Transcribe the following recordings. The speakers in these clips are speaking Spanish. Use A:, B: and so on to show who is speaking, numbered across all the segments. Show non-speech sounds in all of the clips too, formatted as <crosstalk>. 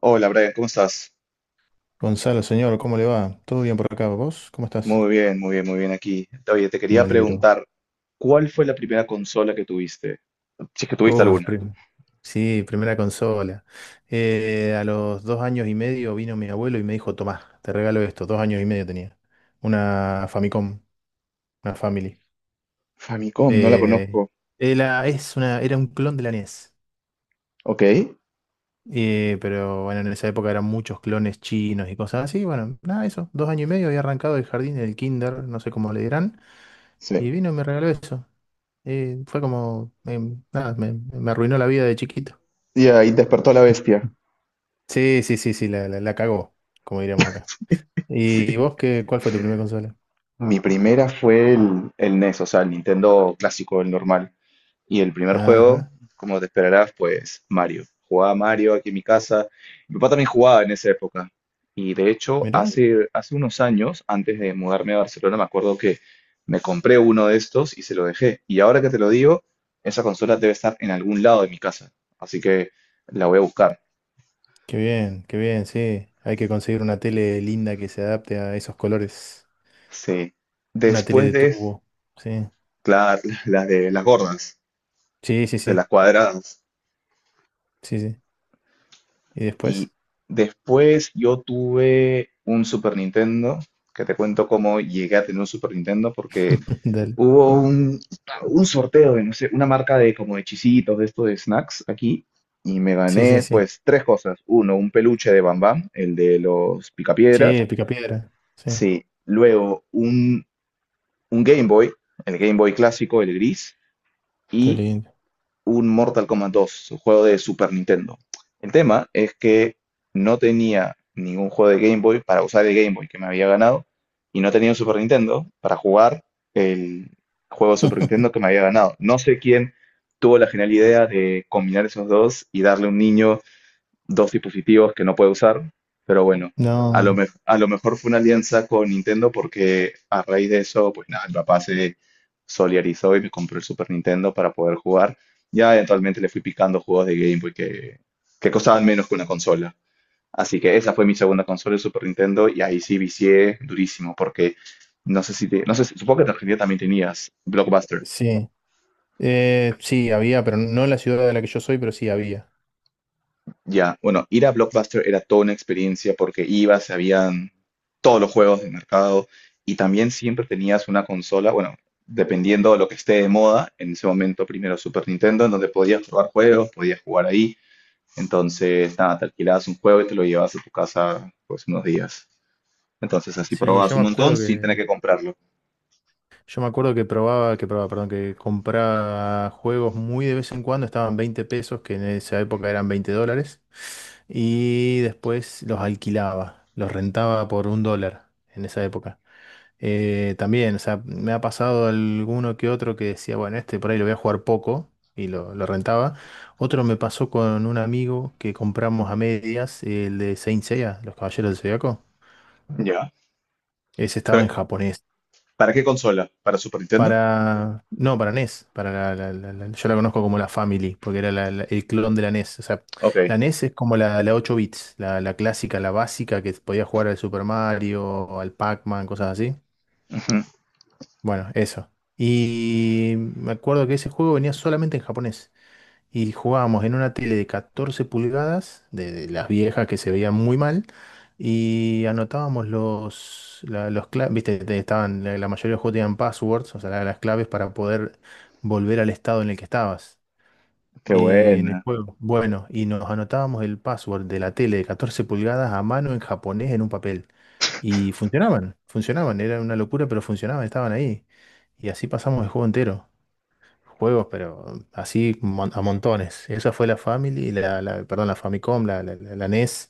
A: Hola Brian, ¿cómo estás?
B: Gonzalo, señor, ¿cómo le va? ¿Todo bien por acá? ¿Vos? ¿Cómo estás?
A: Muy bien, muy bien, muy bien aquí. Oye, te
B: Me
A: quería
B: alegro.
A: preguntar, ¿cuál fue la primera consola que tuviste? Si es que tuviste
B: Uf,
A: alguna.
B: prim- sí, primera consola. A los dos años y medio vino mi abuelo y me dijo, Tomá, te regalo esto. Dos años y medio tenía. Una Famicom, una Family.
A: Famicom, no la
B: Eh,
A: conozco.
B: era un clon de la NES.
A: Ok,
B: Pero bueno, en esa época eran muchos clones chinos y cosas así. Bueno, nada, eso. Dos años y medio había arrancado el jardín, el kinder, no sé cómo le dirán.
A: sí.
B: Y vino y me regaló eso. Fue como, nada, me arruinó la vida de chiquito.
A: Y ahí despertó la bestia.
B: Sí, sí, sí, sí, la cagó, como diríamos acá. ¿Y vos qué, cuál fue tu primera consola?
A: Mi primera fue el NES, o sea, el Nintendo clásico, el normal. Y el primer juego,
B: Ajá,
A: como te esperarás, pues Mario. Jugaba Mario aquí en mi casa. Mi papá también jugaba en esa época. Y de hecho,
B: mirá,
A: hace unos años, antes de mudarme a Barcelona, me acuerdo que me compré uno de estos y se lo dejé. Y ahora que te lo digo, esa consola debe estar en algún lado de mi casa. Así que la voy a buscar.
B: qué bien, sí. Hay que conseguir una tele linda que se adapte a esos colores.
A: Sí.
B: Una tele
A: Después
B: de
A: de,
B: tubo, sí.
A: claro, <laughs> las de las gordas,
B: Sí, sí,
A: de las
B: sí,
A: cuadradas.
B: sí, sí. ¿Y
A: Y
B: después?
A: después yo tuve un Super Nintendo, que te cuento cómo llegué a tener un Super Nintendo, porque
B: <laughs> Dale.
A: hubo un, sorteo de, no sé, una marca de como de chisitos, de esto de snacks aquí, y me
B: Sí, sí,
A: gané
B: sí.
A: pues tres cosas. Uno, un peluche de Bam Bam, el de los
B: Sí,
A: picapiedras.
B: el picapiedra, sí.
A: Sí, luego un Game Boy, el Game Boy clásico, el gris,
B: Qué
A: y
B: lindo.
A: un Mortal Kombat 2, un juego de Super Nintendo. El tema es que no tenía ningún juego de Game Boy para usar el Game Boy que me había ganado y no tenía un Super Nintendo para jugar el juego de Super Nintendo que me
B: <laughs>
A: había ganado. No sé quién tuvo la genial idea de combinar esos dos y darle a un niño dos dispositivos que no puede usar, pero bueno,
B: No,
A: a lo mejor fue una alianza con Nintendo porque a raíz de eso, pues nada, mi papá se solidarizó y me compró el Super Nintendo para poder jugar. Ya eventualmente le fui picando juegos de Game Boy que costaban menos que una consola. Así que esa fue mi segunda consola, el Super Nintendo, y ahí sí vicié durísimo porque no sé si te- no sé si- supongo que en Argentina también tenías Blockbuster.
B: sí. Sí, había, pero no en la ciudad de la que yo soy, pero sí había.
A: Ya, bueno, ir a Blockbuster era toda una experiencia porque ibas, habían todos los juegos del mercado y también siempre tenías una consola, bueno, dependiendo de lo que esté de moda, en ese momento primero Super Nintendo, en donde podías jugar juegos, podías jugar ahí, entonces nada, te alquilabas un juego y te lo llevabas a tu casa pues unos días. Entonces así
B: Sí,
A: probabas
B: yo
A: un
B: me
A: montón
B: acuerdo
A: sin tener
B: que,
A: que comprarlo.
B: yo me acuerdo que perdón, que compraba juegos muy de vez en cuando, estaban 20 pesos, que en esa época eran 20 dólares, y después los alquilaba, los rentaba por un dólar en esa época. También, o sea, me ha pasado alguno que otro que decía, bueno, este por ahí lo voy a jugar poco, y lo rentaba. Otro me pasó con un amigo que compramos a medias, el de Saint Seiya, Los Caballeros del Zodiaco.
A: Ya.
B: Ese estaba en
A: Pero,
B: japonés.
A: ¿para qué consola? ¿Para Super Nintendo?
B: Para. No, para NES. Para yo la conozco como la Family, porque era el clon de la NES. O sea,
A: Ok,
B: la NES es como la 8 bits, la clásica, la básica que podía jugar al Super Mario, al Pac-Man, cosas así. Bueno, eso. Y me acuerdo que ese juego venía solamente en japonés. Y jugábamos en una tele de 14 pulgadas, de las viejas que se veían muy mal, y anotábamos los, la- los cla- viste, estaban, la mayoría de los juegos tenían passwords, o sea, las claves para poder volver al estado en el que estabas.
A: qué
B: En el
A: buena.
B: juego. Bueno, y nos anotábamos el password de la tele de 14 pulgadas a mano en japonés en un papel. Y funcionaban, era una locura, pero funcionaban, estaban ahí. Y así pasamos el juego entero. Juegos, pero así a montones. Esa fue la Family, perdón, la Famicom, la NES.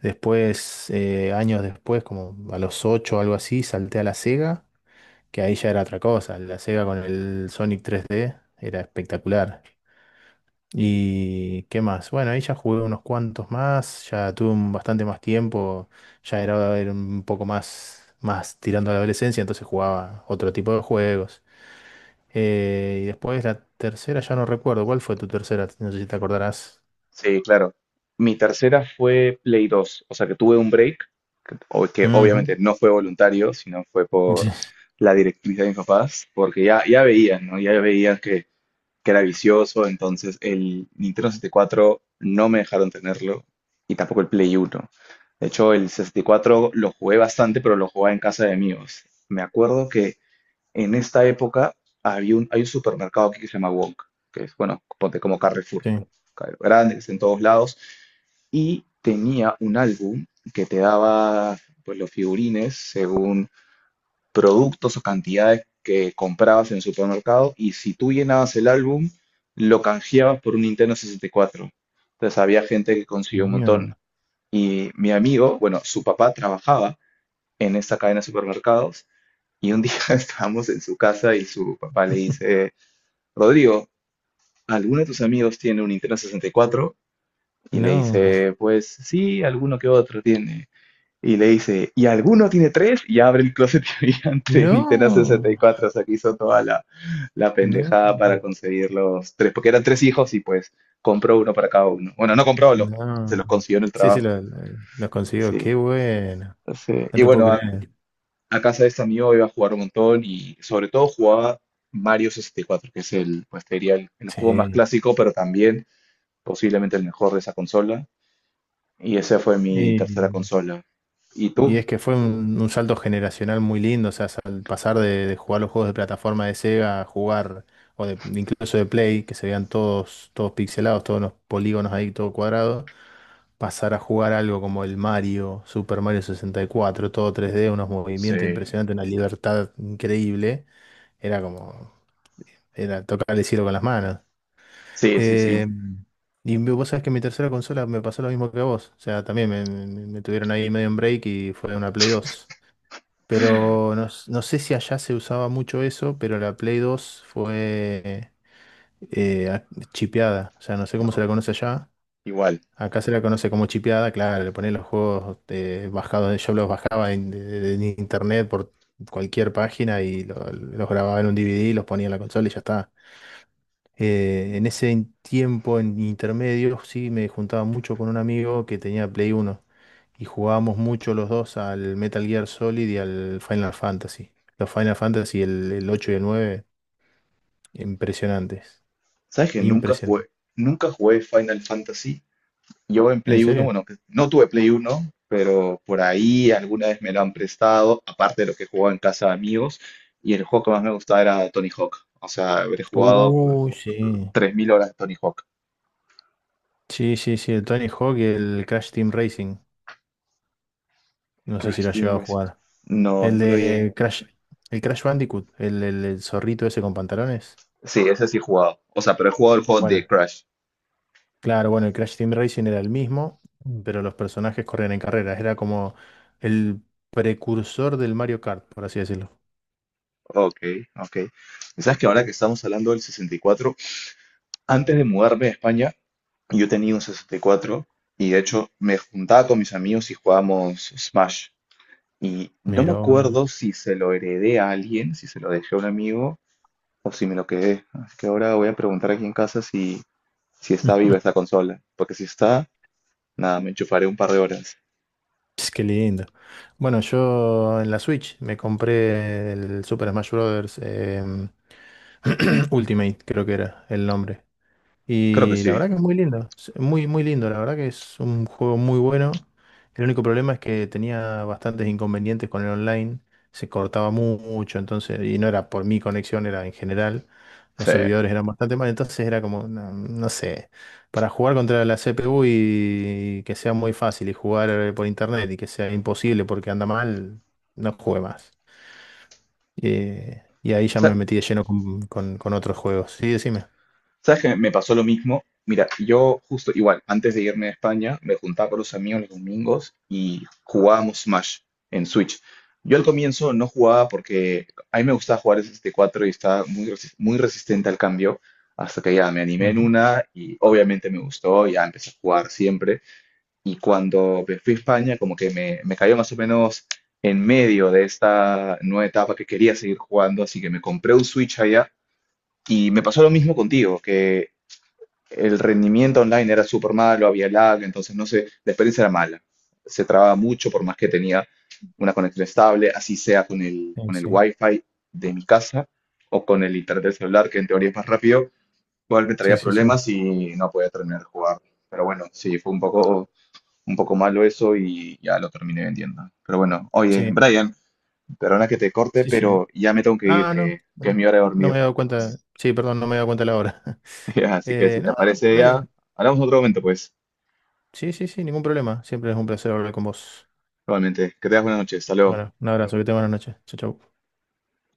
B: Después, años después, como a los 8 o algo así, salté a la Sega, que ahí ya era otra cosa. La Sega con el Sonic 3D era espectacular. ¿Y qué más? Bueno, ahí ya jugué unos cuantos más, ya tuve un- bastante más tiempo, era un poco más, más tirando a la adolescencia, entonces jugaba otro tipo de juegos. Y después la tercera, ya no recuerdo. ¿Cuál fue tu tercera? No sé si te acordarás.
A: Sí, claro. Mi tercera fue Play 2, o sea que tuve un break, que
B: Ujú.
A: obviamente
B: <laughs>
A: no fue voluntario, sino fue
B: Sí,
A: por la directriz de mis papás, porque ya veían, ¿no? Ya veían que era vicioso, entonces el Nintendo 64 no me dejaron tenerlo y tampoco el Play 1. De hecho, el 64 lo jugué bastante, pero lo jugaba en casa de amigos. Me acuerdo que en esta época hay un supermercado aquí que se llama Wonk, que es, bueno, ponte como Carrefour,
B: sí.
A: claro, grande, que está en todos lados, y tenía un álbum que te daba pues, los figurines según productos o cantidades que comprabas en el supermercado, y si tú llenabas el álbum, lo canjeabas por un Nintendo 64. Entonces había gente que consiguió un montón.
B: Mierda.
A: Y mi amigo, bueno, su papá trabajaba en esta cadena de supermercados y un día <laughs> estábamos en su casa y su papá le dice, Rodrigo, ¿alguno de tus amigos tiene un Nintendo 64? Y cuatro? Y le
B: No.
A: dice, pues sí, alguno que otro tiene. Y le dice, ¿y alguno tiene tres? Y abre el closet <laughs> y habían tres Nintendo
B: No.
A: 64. O sea, que hizo toda la
B: No.
A: pendejada para conseguir los tres, porque eran tres hijos y pues compró uno para cada uno. Bueno, no compró, se
B: No.
A: los consiguió en el
B: Sí, sí,
A: trabajo.
B: lo consiguió.
A: Sí,
B: Qué bueno.
A: sí.
B: No
A: Y
B: te puedo
A: bueno, a
B: creer.
A: casa de este amigo iba a jugar un montón y sobre todo jugaba Mario 64, que es el, pues te diría, el juego más
B: Sí.
A: clásico, pero también posiblemente el mejor de esa consola. Y esa fue mi tercera
B: Sí.
A: consola. ¿Y tú?
B: Y es que fue un salto generacional muy lindo, o sea, al pasar de jugar los juegos de plataforma de Sega a jugar, o de, incluso de Play, que se veían todos, todos pixelados, todos los polígonos ahí, todo cuadrado, pasar a jugar algo como el Mario, Super Mario 64, todo tres d unos
A: Sí,
B: movimientos impresionantes, una libertad increíble, era como, era tocar el cielo con las manos.
A: sí, sí, sí,
B: Eh, vos sabés que mi tercera consola me pasó lo mismo que a vos, o sea, también me tuvieron ahí medio en break y fue una Play 2. Pero no, no sé si allá se usaba mucho eso, pero la Play 2 fue eh, a- chipeada. O sea, no sé cómo se la conoce allá.
A: igual.
B: Acá se la conoce como chipeada, claro, le ponen los juegos bajados, yo los bajaba en internet por cualquier página y los grababa en un DVD, los ponía en la consola y ya está. En ese tiempo, en intermedio, sí me juntaba mucho con un amigo que tenía Play 1 y jugábamos mucho los dos al Metal Gear Solid y al Final Fantasy. Los Final Fantasy, el 8 y el 9, impresionantes.
A: ¿Sabes que nunca jugué,
B: Impresionantes.
A: nunca jugué Final Fantasy? Yo en
B: ¿En
A: Play uno
B: serio?
A: bueno, que no tuve Play uno pero por ahí alguna vez me lo han prestado, aparte de lo que jugaba en casa de amigos, y el juego que más me gustaba era Tony Hawk. O sea, habré jugado pues,
B: Uy, sí.
A: 3000 horas de Tony Hawk.
B: Sí, sí, sí, el Tony Hawk y el Crash Team Racing. No sé si
A: Crash
B: lo has
A: Team
B: llegado a
A: Racing.
B: jugar.
A: No,
B: El
A: no lo llegué.
B: de Crash, el Crash Bandicoot, el zorrito ese con pantalones.
A: Sí, ese sí he jugado. O sea, pero he jugado el juego de
B: Bueno,
A: Crash.
B: claro, bueno, el Crash Team Racing era el mismo, mm, pero los personajes corrían en carreras. Era como el precursor del Mario Kart, por así decirlo.
A: Ok, ok. Y sabes que ahora que estamos hablando del 64, antes de mudarme a España, yo tenía un 64 y cuatro y de hecho me juntaba con mis amigos y jugábamos Smash. Y no me
B: Miró.
A: acuerdo si se lo heredé a alguien, si se lo dejé a un amigo o si me lo quedé. Así que ahora voy a preguntar aquí en casa si está viva esta
B: <laughs>
A: consola. Porque si está, nada, me enchufaré un par de horas.
B: Ps, qué lindo. Bueno, yo en la Switch me compré el Super Smash Bros. <clears throat> Ultimate, creo que era el nombre.
A: Creo que
B: Y la
A: sí.
B: verdad que es muy lindo, es muy, muy lindo, la verdad que es un juego muy bueno. El único problema es que tenía bastantes inconvenientes con el online, se cortaba mucho, entonces, y no era por mi conexión, era en general, los
A: Sí.
B: servidores eran bastante mal, entonces era como, no, no sé, para jugar contra la CPU y, que sea muy fácil y jugar por internet y que sea imposible porque anda mal, no jugué más. Y ahí ya me
A: Sa-
B: metí de lleno con otros juegos. Sí, decime.
A: ¿Sabes que me pasó lo mismo? Mira, yo justo igual, antes de irme a España, me juntaba con los amigos los domingos y jugábamos Smash en Switch. Yo al comienzo no jugaba porque a mí me gustaba jugar S64 y cuatro y estaba muy resistente al cambio, hasta que ya me animé en
B: Ujú.
A: una y obviamente me gustó, ya empecé a jugar siempre. Y cuando me fui a España, como que me cayó más o menos en medio de esta nueva etapa que quería seguir jugando, así que me compré un Switch allá. Y me pasó lo mismo contigo, que el rendimiento online era súper malo, había lag, entonces no sé, la experiencia era mala. Se trababa mucho por más que tenía una conexión estable, así sea con el,
B: Sí,
A: wifi de mi casa o con el internet del celular, que en teoría es más rápido, igual me
B: sí,
A: traía
B: sí, sí, sí.
A: problemas y no podía terminar de jugar. Pero bueno, sí, fue un poco malo eso y ya lo terminé vendiendo. Pero bueno, oye,
B: Sí,
A: Brian, perdona que te corte,
B: sí, sí.
A: pero ya me tengo que ir,
B: Ah, no,
A: que es
B: bueno,
A: mi hora de
B: no
A: dormir.
B: me he dado cuenta. Sí, perdón, no me he dado cuenta de la hora. <laughs>
A: <laughs> Así que si
B: Eh,
A: te
B: no, dale,
A: aparece
B: dale.
A: ya, hablamos en otro momento, pues.
B: Sí, sí, sí, ningún problema. Siempre es un placer hablar con vos.
A: Igualmente, que tengas buenas noches. Hasta luego.
B: Bueno, un abrazo, que te buenas noches. Chau, chau.